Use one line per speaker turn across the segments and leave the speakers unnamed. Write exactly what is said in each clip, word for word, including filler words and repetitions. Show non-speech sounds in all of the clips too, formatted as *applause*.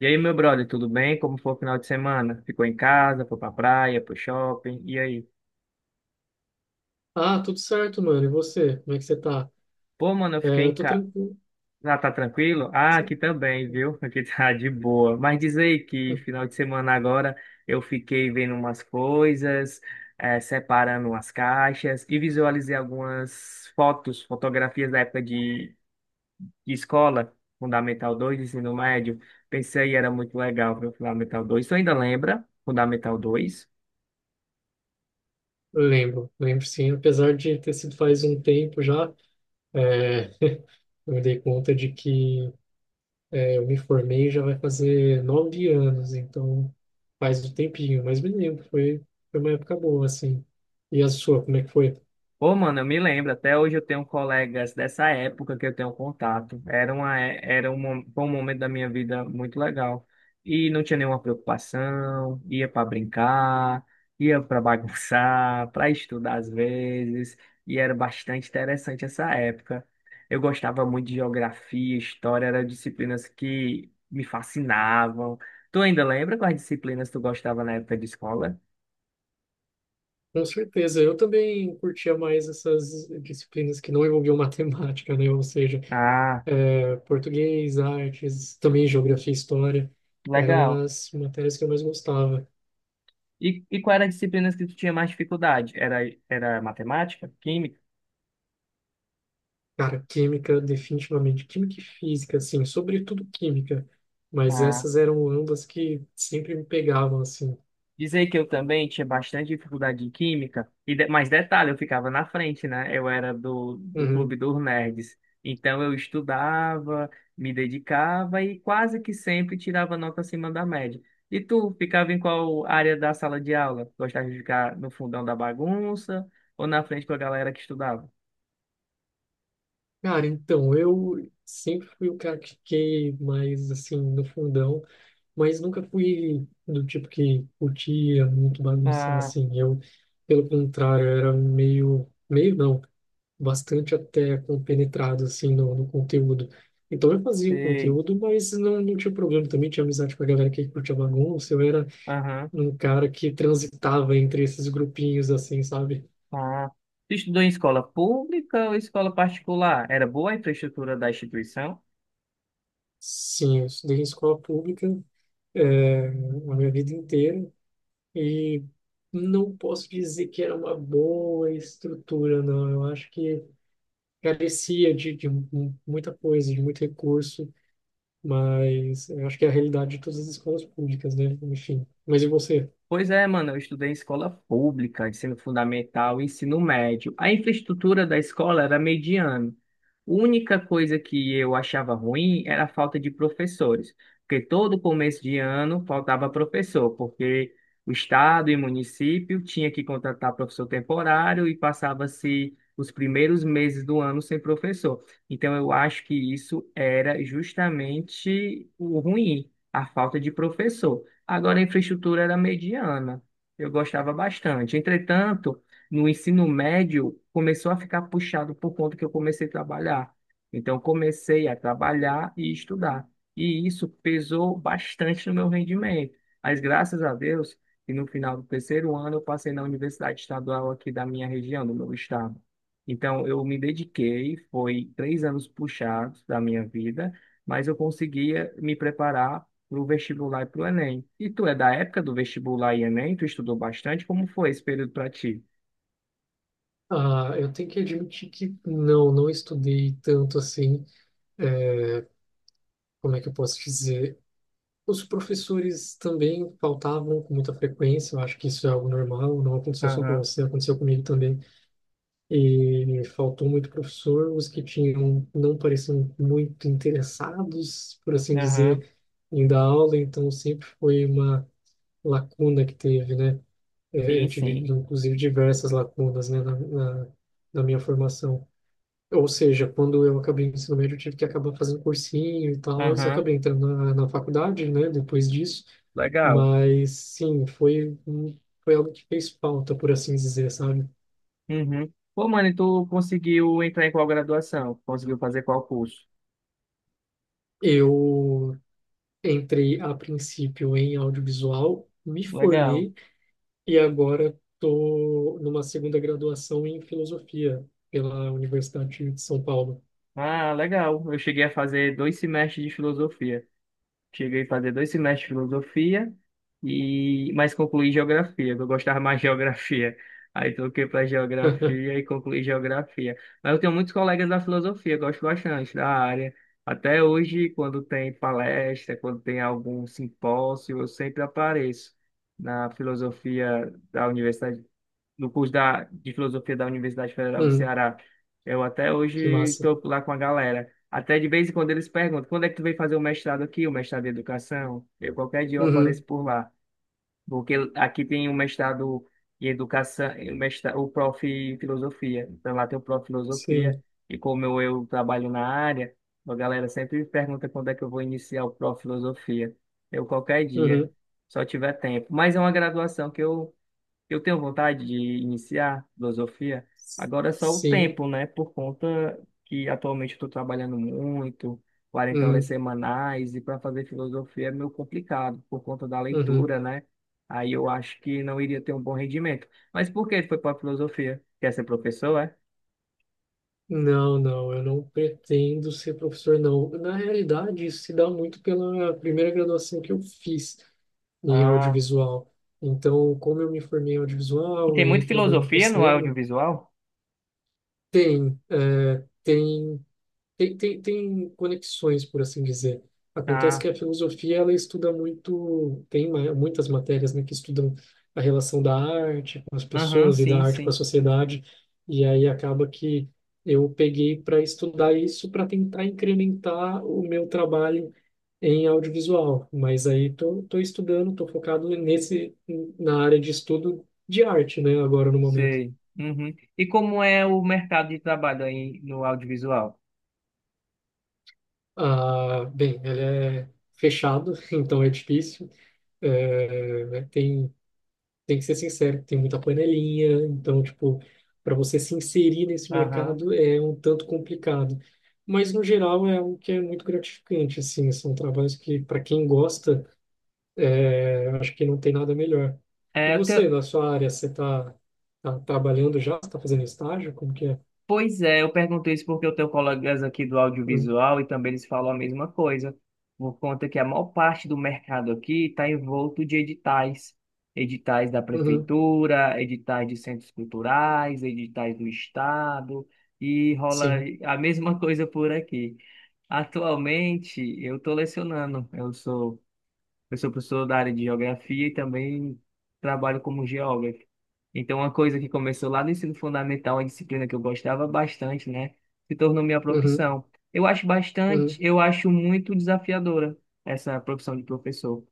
E aí, meu brother, tudo bem? Como foi o final de semana? Ficou em casa, foi pra praia, pro shopping, e aí?
Ah, tudo certo, mano. E você? Como é que você tá?
Pô, mano, eu
É,
fiquei
eu
em
tô
casa.
tranquilo.
Ah, tá tranquilo? Ah, aqui
Sim.
também, viu? *laughs* Aqui tá de boa. Mas diz aí que
Hum.
final de semana agora eu fiquei vendo umas coisas, eh, separando umas caixas e visualizei algumas fotos, fotografias da época de, de escola, Fundamental dois, ensino médio. Pensei, era muito legal ver o Fundamental dois. Tu ainda lembra? Fundamental dois?
Lembro, lembro sim. Apesar de ter sido faz um tempo já, é, eu me dei conta de que é, eu me formei já vai fazer nove anos, então faz um tempinho, mas me lembro, foi, foi uma época boa, assim. E a sua, como é que foi?
Pô, mano, eu me lembro, até hoje eu tenho colegas dessa época que eu tenho contato. Era uma, é- era um, mo- foi um momento da minha vida muito legal. E não tinha nenhuma preocupação, ia para brincar, ia para bagunçar, *laughs* para estudar às vezes, e era bastante interessante essa época. Eu gostava muito de geografia, história, eram disciplinas que me fascinavam. Tu ainda lembra quais disciplinas tu gostava na época de escola?
Com certeza, eu também curtia mais essas disciplinas que não envolviam *laughs* matemática, né? Ou seja,
Ah,
eh, português, artes, também geografia e história eram
legal.
as matérias que eu mais gostava.
E, e qual era a disciplina que tu tinha mais dificuldade? Era, era matemática, química?
Cara, química, definitivamente. Química e física, assim, sobretudo química. Mas
Ah,
essas eram ambas que sempre me pegavam, assim.
dizer que eu também tinha bastante dificuldade em química, e de, mas detalhe, eu ficava na frente, né? Eu era do, do
Uhum.
clube dos nerds. Então eu estudava, me dedicava e quase que sempre tirava nota acima da média. E tu ficava em qual área da sala de aula? Gostava de ficar no fundão da bagunça ou na frente com a galera que estudava?
Cara, então, eu sempre fui o cara que fiquei mais, assim, no fundão, mas nunca fui do tipo que curtia muito bagunçar
Ah,
assim. Eu, pelo contrário, era meio, meio não, bastante até compenetrado assim no, no conteúdo. Então eu fazia o
sei.
conteúdo, mas não, não tinha problema também, tinha amizade com a galera que curtia bagunça. Eu era
Aham.
um cara que transitava entre esses grupinhos assim, sabe?
Ah, tu estudou em escola pública ou escola particular? Era boa a infraestrutura da instituição?
Sim, eu estudei em escola pública, eh, a minha vida inteira. E não posso dizer que era uma boa estrutura, não. Eu acho que carecia de, de mu- muita coisa, de muito recurso, mas eu acho que é a realidade de todas as escolas públicas, né? Enfim. Mas e você?
Pois é, mano, eu estudei em escola pública, ensino fundamental, ensino médio. A infraestrutura da escola era mediana. A única coisa que eu achava ruim era a falta de professores, porque todo começo de ano faltava professor, porque o estado e município tinha que contratar professor temporário e passava-se os primeiros meses do ano sem professor. Então eu acho que isso era justamente o ruim, a falta de professor. Agora, a infraestrutura era mediana. Eu gostava bastante. Entretanto, no ensino médio, começou a ficar puxado por conta que eu comecei a trabalhar. Então, eu comecei a trabalhar e estudar. E isso pesou bastante no meu rendimento. Mas, graças a Deus, que no final do terceiro ano, eu passei na Universidade Estadual aqui da minha região, do meu estado. Então, eu me dediquei, foi três anos puxados da minha vida, mas eu conseguia me preparar pro vestibular e pro Enem. E tu é da época do vestibular e Enem? Tu estudou bastante? Como foi esse período para ti?
Ah, eu tenho que admitir que não, não estudei tanto assim. Como é que eu posso dizer? Os professores também faltavam com muita frequência. Eu acho que isso é algo normal, não aconteceu só com
Aham,
você, aconteceu comigo também. E faltou muito professor, os que tinham não pareciam muito interessados, por assim
aham,
dizer, em dar aula, então sempre foi uma lacuna que teve, né? É, Eu
sim,
tive,
sim.
inclusive, diversas lacunas, né, na, na, na minha formação. Ou seja, quando eu acabei o ensino médio, eu tive que acabar fazendo cursinho e tal, eu
Aham,
acabei entrando na, na faculdade, né, depois disso,
legal.
mas sim, foi, um- foi algo que fez falta, por assim dizer, sabe?
Uhum. Pô, mano, e tu conseguiu entrar em qual graduação? Conseguiu fazer qual curso?
Eu Entrei a princípio em audiovisual, me
Legal.
formei e agora estou numa segunda graduação em filosofia pela Universidade de São Paulo.
Ah, legal. Eu cheguei a fazer dois semestres de filosofia. Cheguei a fazer dois semestres de filosofia e mas concluí geografia, que eu gostava mais de *laughs* geografia. Aí troquei para
*laughs*
geografia e concluí geografia. Mas eu tenho muitos colegas da filosofia, gosto bastante da área. Até hoje, quando tem palestra, quando tem algum simpósio, eu sempre apareço na filosofia da Universidade no curso da, de filosofia da Universidade Federal do
Hum,
Ceará. Eu até
que
hoje
massa.
tô lá com a galera. Até de vez em quando eles perguntam, quando é que tu veio fazer o mestrado aqui, o mestrado em educação? Eu, qualquer dia eu apareço
Uhum,
por lá, porque aqui tem o mestrado em educação, o, mestrado, o prof. em filosofia. Então lá tem o prof. em filosofia,
sim.
e como eu, eu trabalho na área, a galera sempre me pergunta quando é que eu vou iniciar o prof. em filosofia. Eu, qualquer dia,
Uhum,
só tiver tempo. Mas é uma graduação que eu eu tenho vontade de iniciar filosofia, agora é só o
sim.
tempo, né? Por conta que atualmente eu estou trabalhando muito, quarenta horas
Uhum,
semanais, e para fazer filosofia é meio complicado, por conta da
uhum.
leitura, né? Aí eu acho que não iria ter um bom rendimento. Mas por que tu foi para filosofia? Quer ser professor, é?
Não, não, eu não pretendo ser professor, não. Na realidade, isso se dá muito pela primeira graduação que eu fiz em
Ah,
audiovisual. Então, como eu me formei em
e
audiovisual
tem
e aí
muito
trabalhando com
filosofia no
cinema,
audiovisual?
Tem, é, tem, tem, tem, tem conexões, por assim dizer. Acontece
Ah,
que a filosofia ela estuda muito, tem ma- muitas matérias, né, que estudam a relação da arte com as
aham,
pessoas e da
sim,
arte com a
sim,
sociedade, e aí acaba que eu peguei para estudar isso para tentar incrementar o meu trabalho em audiovisual, mas aí tô, tô estudando, tô focado nesse na área de estudo de arte, né, agora no momento.
sei. Uhum. E como é o mercado de trabalho aí no audiovisual?
Ah, bem, ele é fechado, *laughs* então é difícil. É, é, tem, tem que ser sincero, tem muita panelinha, então, tipo, para você se inserir nesse
Aham.
mercado é um tanto complicado. Mas, no geral, é algo que é muito gratificante, assim, são trabalhos que, para quem gosta, é, eu acho que não tem nada melhor. E
É, eu, te-
você, na sua área, você está trabalhando já? Você está fazendo estágio? Como que é?
Pois é, eu perguntei isso porque eu tenho colegas aqui do
Uhum,
audiovisual e também eles falam a mesma coisa, por conta que a maior parte do mercado aqui está envolto de editais, editais da
uhum,
prefeitura, editais de centros culturais, editais do estado, e rola
sim.
a mesma coisa por aqui. Atualmente, eu estou lecionando, eu sou eu sou professor da área de geografia e também trabalho como geógrafo. Então, uma coisa que começou lá no ensino fundamental, uma disciplina que eu gostava bastante, né, se tornou minha
Uhum,
profissão. Eu acho bastante,
uhum,
eu acho muito desafiadora essa profissão de professor,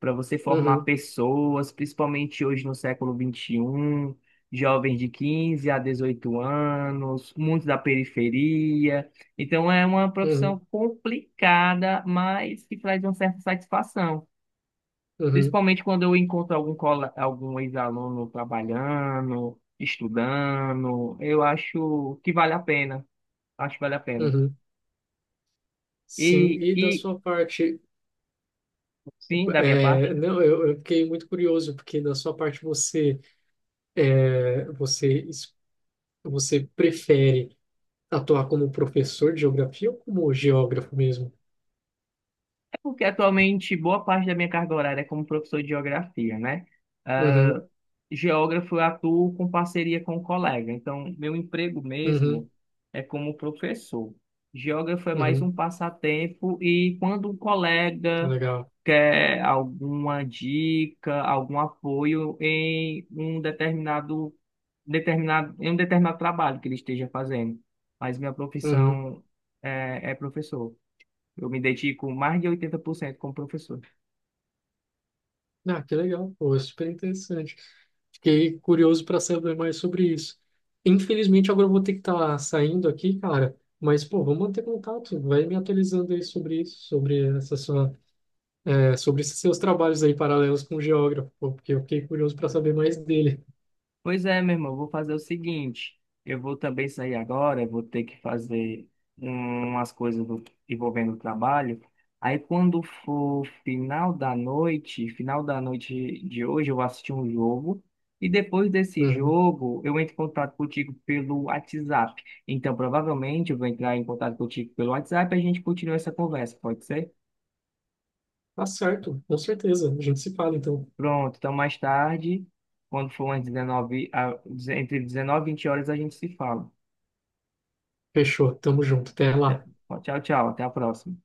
para você formar
uhum,
pessoas, principalmente hoje no século vinte e um, jovens de quinze a dezoito anos, muitos da periferia. Então, é uma profissão
uhum,
complicada, mas que traz uma certa satisfação.
uhum,
Principalmente quando eu encontro algum, cola- algum ex-aluno trabalhando, estudando, eu acho que vale a pena. Acho que vale a pena.
uhum. Sim,
E,
e da
e
sua parte,
sim, da minha
é,
parte,
não, eu, eu fiquei muito curioso, porque da sua parte você, é, você, es- você prefere atuar como professor de geografia ou como geógrafo mesmo?
é porque atualmente boa parte da minha carga horária é como professor de geografia, né?
Uhum,
Geógrafo, eu atuo com parceria com um colega. Então, meu emprego
uhum,
mesmo é como professor. Geógrafo é mais
uhum,
um passatempo e quando um colega
legal.
quer alguma dica, algum apoio em um determinado, determinado, em um determinado trabalho que ele esteja fazendo. Mas minha
Uhum.
profissão é, é professor. Eu me dedico mais de oitenta por cento como professor.
Ah, que legal, pô, é super interessante. Fiquei curioso para saber mais sobre isso. Infelizmente, agora eu vou ter que estar saindo aqui, cara, mas, pô, vamos manter contato, vai me atualizando aí sobre isso, sobre essa sua. É sobre esses seus trabalhos aí paralelos com o geógrafo, pô, porque eu fiquei curioso para saber mais dele.
Pois é, meu irmão, eu vou fazer o seguinte, eu vou também sair agora, eu vou ter que fazer um, umas coisas do- envolvendo o trabalho. Aí quando for final da noite, final da noite de hoje, eu vou assistir um jogo e depois desse
Uhum.
jogo eu entro em contato contigo pelo WhatsApp. Então provavelmente eu vou entrar em contato contigo pelo WhatsApp e a gente continua essa conversa, pode ser?
Tá certo, com certeza. A gente se fala então.
Pronto, então mais tarde, quando for umas dezenove a- entre dezenove e vinte horas a gente se fala.
Fechou, tamo junto. Até lá.
Tchau, tchau. Até a próxima.